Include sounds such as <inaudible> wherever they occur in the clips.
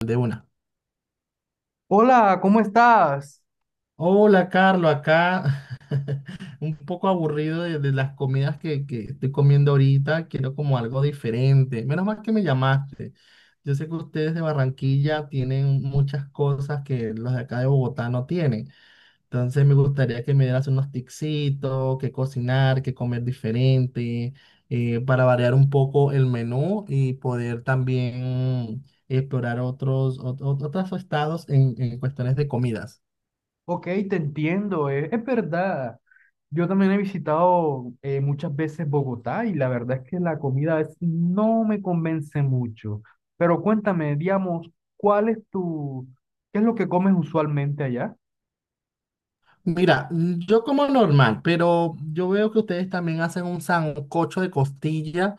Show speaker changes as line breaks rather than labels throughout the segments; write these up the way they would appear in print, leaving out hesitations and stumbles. De una.
Hola, ¿cómo estás?
Hola, Carlos, acá <laughs> un poco aburrido de las comidas que estoy comiendo ahorita. Quiero como algo diferente. Menos mal que me llamaste. Yo sé que ustedes de Barranquilla tienen muchas cosas que los de acá de Bogotá no tienen. Entonces me gustaría que me dieras unos tipsitos, qué cocinar, qué comer diferente, para variar un poco el menú y poder también explorar otros estados en cuestiones de comidas.
Ok, te entiendo, es verdad. Yo también he visitado muchas veces Bogotá y la verdad es que no me convence mucho. Pero cuéntame, digamos, ¿cuál es tu, ¿qué es lo que comes usualmente allá?
Mira, mm, yo como normal, pero yo veo que ustedes también hacen un sancocho de costilla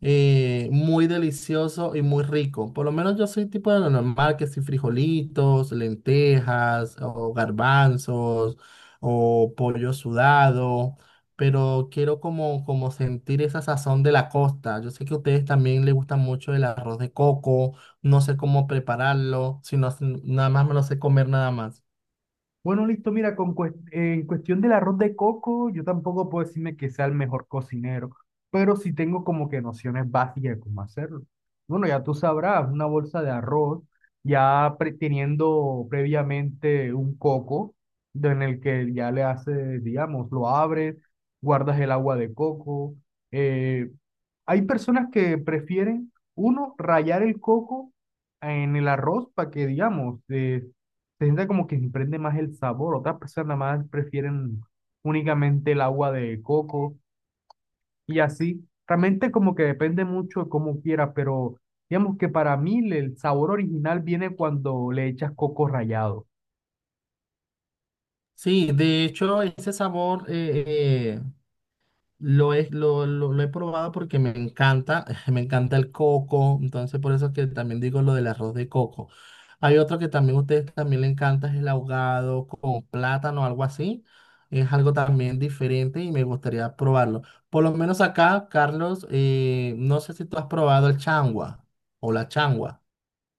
muy delicioso y muy rico. Por lo menos yo soy tipo de lo normal, que si frijolitos, lentejas o garbanzos o pollo sudado, pero quiero como sentir esa sazón de la costa. Yo sé que a ustedes también les gusta mucho el arroz de coco, no sé cómo prepararlo, sino nada más me lo sé comer nada más.
Bueno, listo, mira, en cuestión del arroz de coco, yo tampoco puedo decirme que sea el mejor cocinero, pero sí tengo como que nociones básicas de cómo hacerlo. Bueno, ya tú sabrás, una bolsa de arroz, teniendo previamente un coco, en el que ya le haces, digamos, lo abres, guardas el agua de coco, eh, hay personas que prefieren, uno, rayar el coco en el arroz para que, digamos, se sienta como que se prende más el sabor. Otras personas más prefieren únicamente el agua de coco y así. Realmente como que depende mucho de cómo quieras, pero digamos que para mí el sabor original viene cuando le echas coco rallado.
Sí, de hecho, ese sabor eh, lo he probado porque me encanta, <laughs> me encanta el coco, entonces por eso es que también digo lo del arroz de coco. Hay otro que también a ustedes también le encanta, es el ahogado con plátano, algo así. Es algo también diferente y me gustaría probarlo. Por lo menos acá, Carlos, no sé si tú has probado el changua o la changua.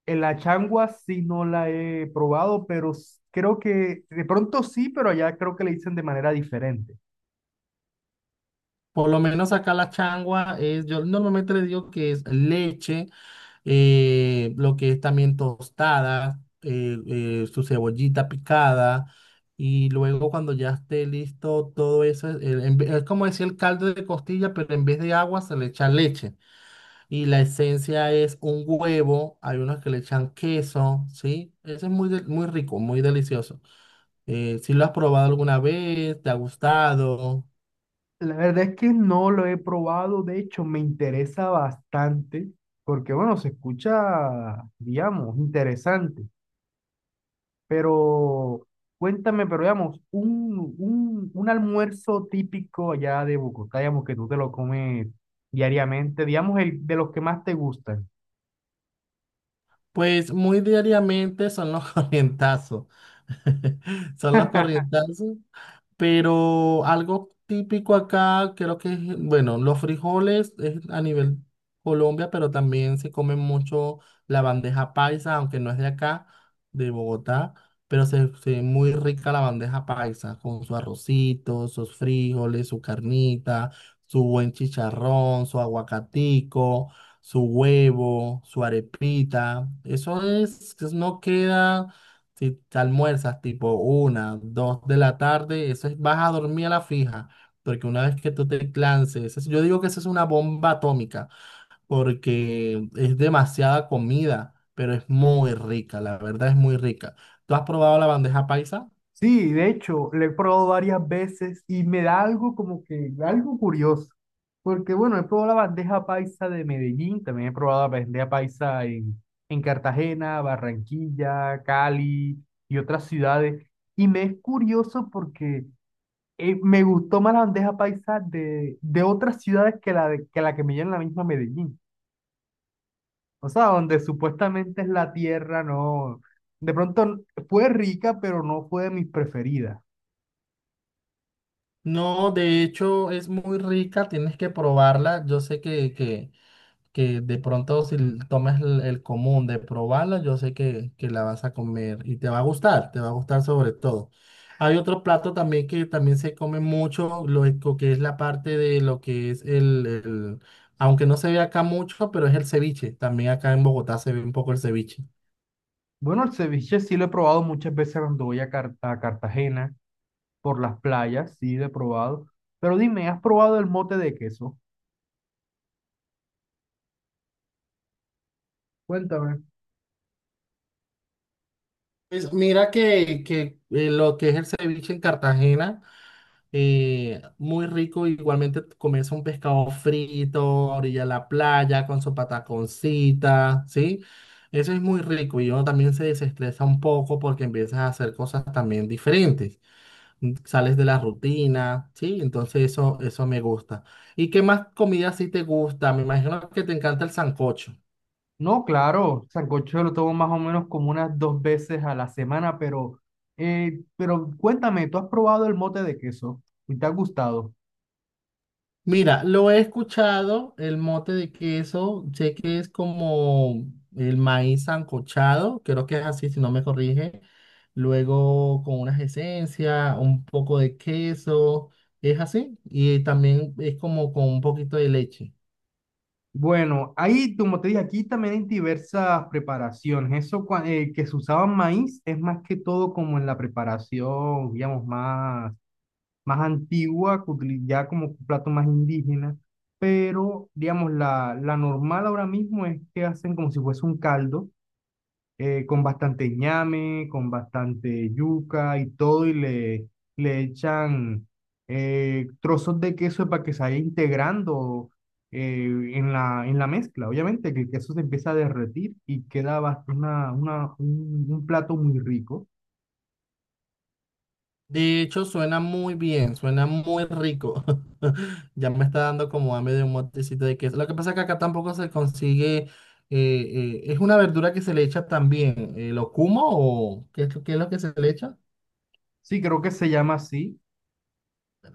En la changua sí no la he probado, pero creo que de pronto sí, pero allá creo que le dicen de manera diferente.
Por lo menos acá la changua es, yo normalmente le digo que es leche, lo que es también tostada, su cebollita picada. Y luego cuando ya esté listo todo eso, es, es como decir el caldo de costilla, pero en vez de agua se le echa leche. Y la esencia es un huevo, hay unos que le echan queso, ¿sí? Eso es muy rico, muy delicioso. Si lo has probado alguna vez, ¿te ha gustado?
La verdad es que no lo he probado, de hecho me interesa bastante, porque bueno, se escucha, digamos, interesante, pero cuéntame, pero digamos, un almuerzo típico allá de Bogotá, digamos, que tú te lo comes diariamente, digamos, el de los que más te gustan.
Pues muy diariamente son los <laughs> corrientazos. <laughs> Son los
<laughs>
corrientazos. Pero algo típico acá, creo que es, bueno, los frijoles es a nivel Colombia, pero también se come mucho la bandeja paisa, aunque no es de acá, de Bogotá, pero se ve muy rica la bandeja paisa, con su arrocito, sus frijoles, su carnita, su buen chicharrón, su aguacatico, su huevo, su arepita. Eso es, eso no queda. Si te almuerzas tipo una, dos de la tarde, eso es, vas a dormir a la fija, porque una vez que tú te lances, eso, yo digo que eso es una bomba atómica, porque es demasiada comida, pero es muy rica, la verdad es muy rica. ¿Tú has probado la bandeja paisa?
Sí, de hecho, lo he probado varias veces y me da algo como que, algo curioso. Porque bueno, he probado la bandeja paisa de Medellín, también he probado la bandeja paisa en Cartagena, Barranquilla, Cali y otras ciudades. Y me es curioso porque me gustó más la bandeja paisa de otras ciudades que que la que me dio en la misma Medellín. O sea, donde supuestamente es la tierra, no. De pronto fue rica, pero no fue de mis preferidas.
No, de hecho es muy rica, tienes que probarla. Yo sé que de pronto si l- tomas el común de probarla, yo sé que la vas a comer y te va a gustar, te va a gustar sobre todo. Hay otro plato también que también se come mucho, que es la parte de lo que es aunque no se ve acá mucho, pero es el ceviche. También acá en Bogotá se ve un poco el ceviche.
Bueno, el ceviche sí lo he probado muchas veces cuando voy a, a Cartagena, por las playas, sí lo he probado. Pero dime, ¿has probado el mote de queso? Cuéntame.
Pues mira que lo que es el ceviche en Cartagena. Muy rico, igualmente comerse un pescado frito, orilla de la playa, con su pataconcita, ¿sí? Eso es muy rico y uno también se desestresa un poco porque empiezas a hacer cosas también diferentes, sales de la rutina, ¿sí? Entonces eso me gusta. ¿Y qué más comida sí te gusta? Me imagino que te encanta el sancocho.
No, claro, sancocho lo tomo más o menos como unas 2 veces a la semana, pero cuéntame, ¿tú has probado el mote de queso y te ha gustado?
Mira, lo he escuchado, el mote de queso, sé que es como el maíz sancochado, creo que es así, si no me corrige. Luego con unas esencias, un poco de queso, es así. Y también es como con un poquito de leche.
Bueno, ahí, como te dije, aquí también hay diversas preparaciones. Que se usaba maíz es más que todo como en la preparación, digamos, más antigua, que utilizaba como plato más indígena, pero digamos, la normal ahora mismo es que hacen como si fuese un caldo, con bastante ñame, con bastante yuca y todo, le echan trozos de queso para que se vaya integrando en en la mezcla. Obviamente que el queso se empieza a derretir y queda bast- una, un plato muy rico.
De hecho, suena muy bien, suena muy rico. <laughs> Ya me está dando como hambre de un motecito de queso. Lo que pasa es que acá tampoco se consigue, es una verdura que se le echa también, locuma o qué es lo que se le echa.
Sí, creo que se llama así.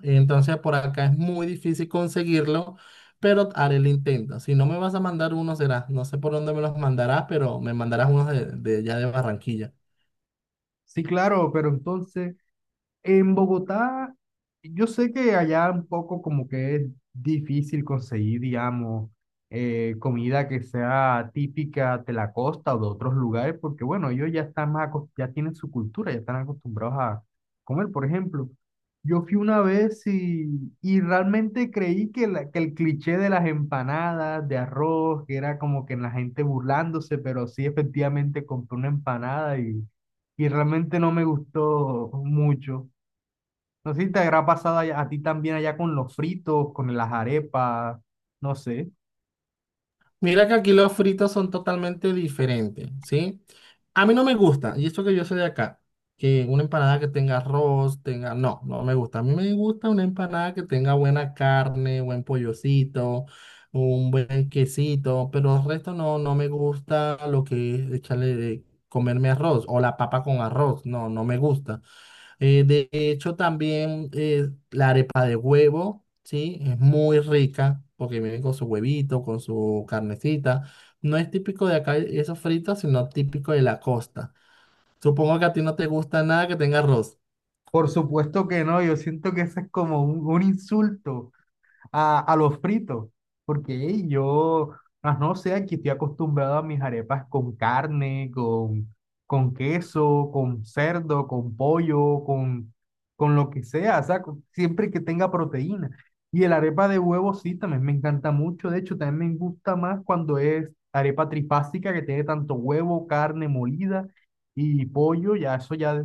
Entonces por acá es muy difícil conseguirlo, pero haré el intento. Si no me vas a mandar uno será, no sé por dónde me los mandarás, pero me mandarás unos de allá de Barranquilla.
Sí, claro, pero entonces... En Bogotá, yo sé que allá un poco como que es difícil conseguir, digamos, comida que sea típica de la costa o de otros lugares, porque bueno, ellos ya están más, ya tienen su cultura, ya están acostumbrados a comer. Por ejemplo, yo fui una vez y realmente creí que, que el cliché de las empanadas de arroz, que era como que la gente burlándose, pero sí efectivamente compré una empanada y realmente no me gustó mucho. No sé si te habrá pasado allá- a ti también allá con los fritos, con las arepas, no sé.
Mira que aquí los fritos son totalmente diferentes, ¿sí? A mí no me gusta, y esto que yo soy de acá, que una empanada que tenga arroz, tenga... No, no me gusta. A mí me gusta una empanada que tenga buena carne, buen pollocito, un buen quesito, pero el resto no, no me gusta lo que es comerme arroz o la papa con arroz, no, no me gusta. De hecho, también la arepa de huevo, ¿sí? Es muy rica porque viene con su huevito, con su carnecita. No es típico de acá eso frito, sino típico de la costa. Supongo que a ti no te gusta nada que tenga arroz.
Por supuesto que no, yo siento que eso es como un insulto. A, a los fritos, porque ey, yo, ah, no sé, aquí estoy acostumbrado a mis arepas con carne, con queso, con cerdo, con pollo, con lo que sea, o sea, siempre que tenga proteína. Y el arepa de huevo sí, también me encanta mucho, de hecho, también me gusta más cuando es arepa trifásica que tiene tanto huevo, carne molida y pollo, ya eso ya...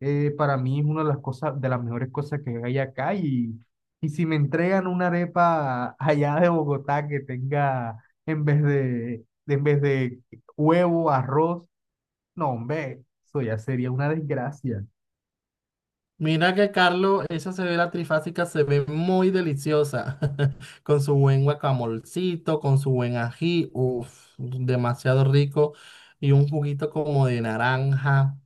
Para mí es una de las cosas, de las mejores cosas que hay acá y si me entregan una arepa allá de Bogotá que tenga en vez en vez de huevo, arroz, no, hombre, eso ya sería una desgracia.
Mira que Carlos, esa cebolla trifásica se ve muy deliciosa, <laughs> con su buen guacamolcito, con su buen ají, uff, demasiado rico, y un juguito como de naranja,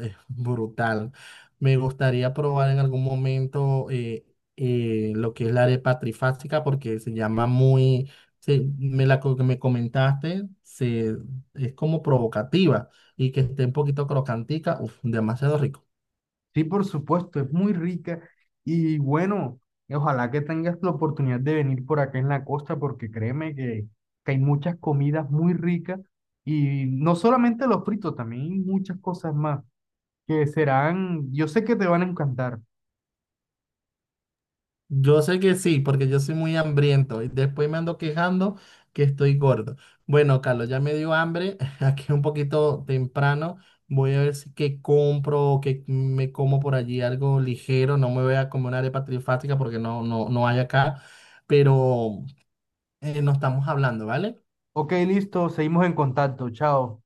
brutal. Me gustaría probar en algún momento lo que es la arepa trifásica, porque se llama muy, se- me la co- que me comentaste, se, es como provocativa, y que esté un poquito crocantica, uff, demasiado rico.
Sí, por supuesto, es muy rica y bueno, ojalá que tengas la oportunidad de venir por acá en la costa porque créeme que hay muchas comidas muy ricas y no solamente los fritos, también hay muchas cosas más que serán, yo sé que te van a encantar.
Yo sé que sí, porque yo soy muy hambriento y después me ando quejando que estoy gordo. Bueno, Carlos, ya me dio hambre, <laughs> aquí es un poquito temprano. Voy a ver si que compro o que me como por allí algo ligero. No me voy a comer una arepa trifática porque no, no, no hay acá. Pero no estamos hablando, ¿vale?
Ok, listo, seguimos en contacto, chao.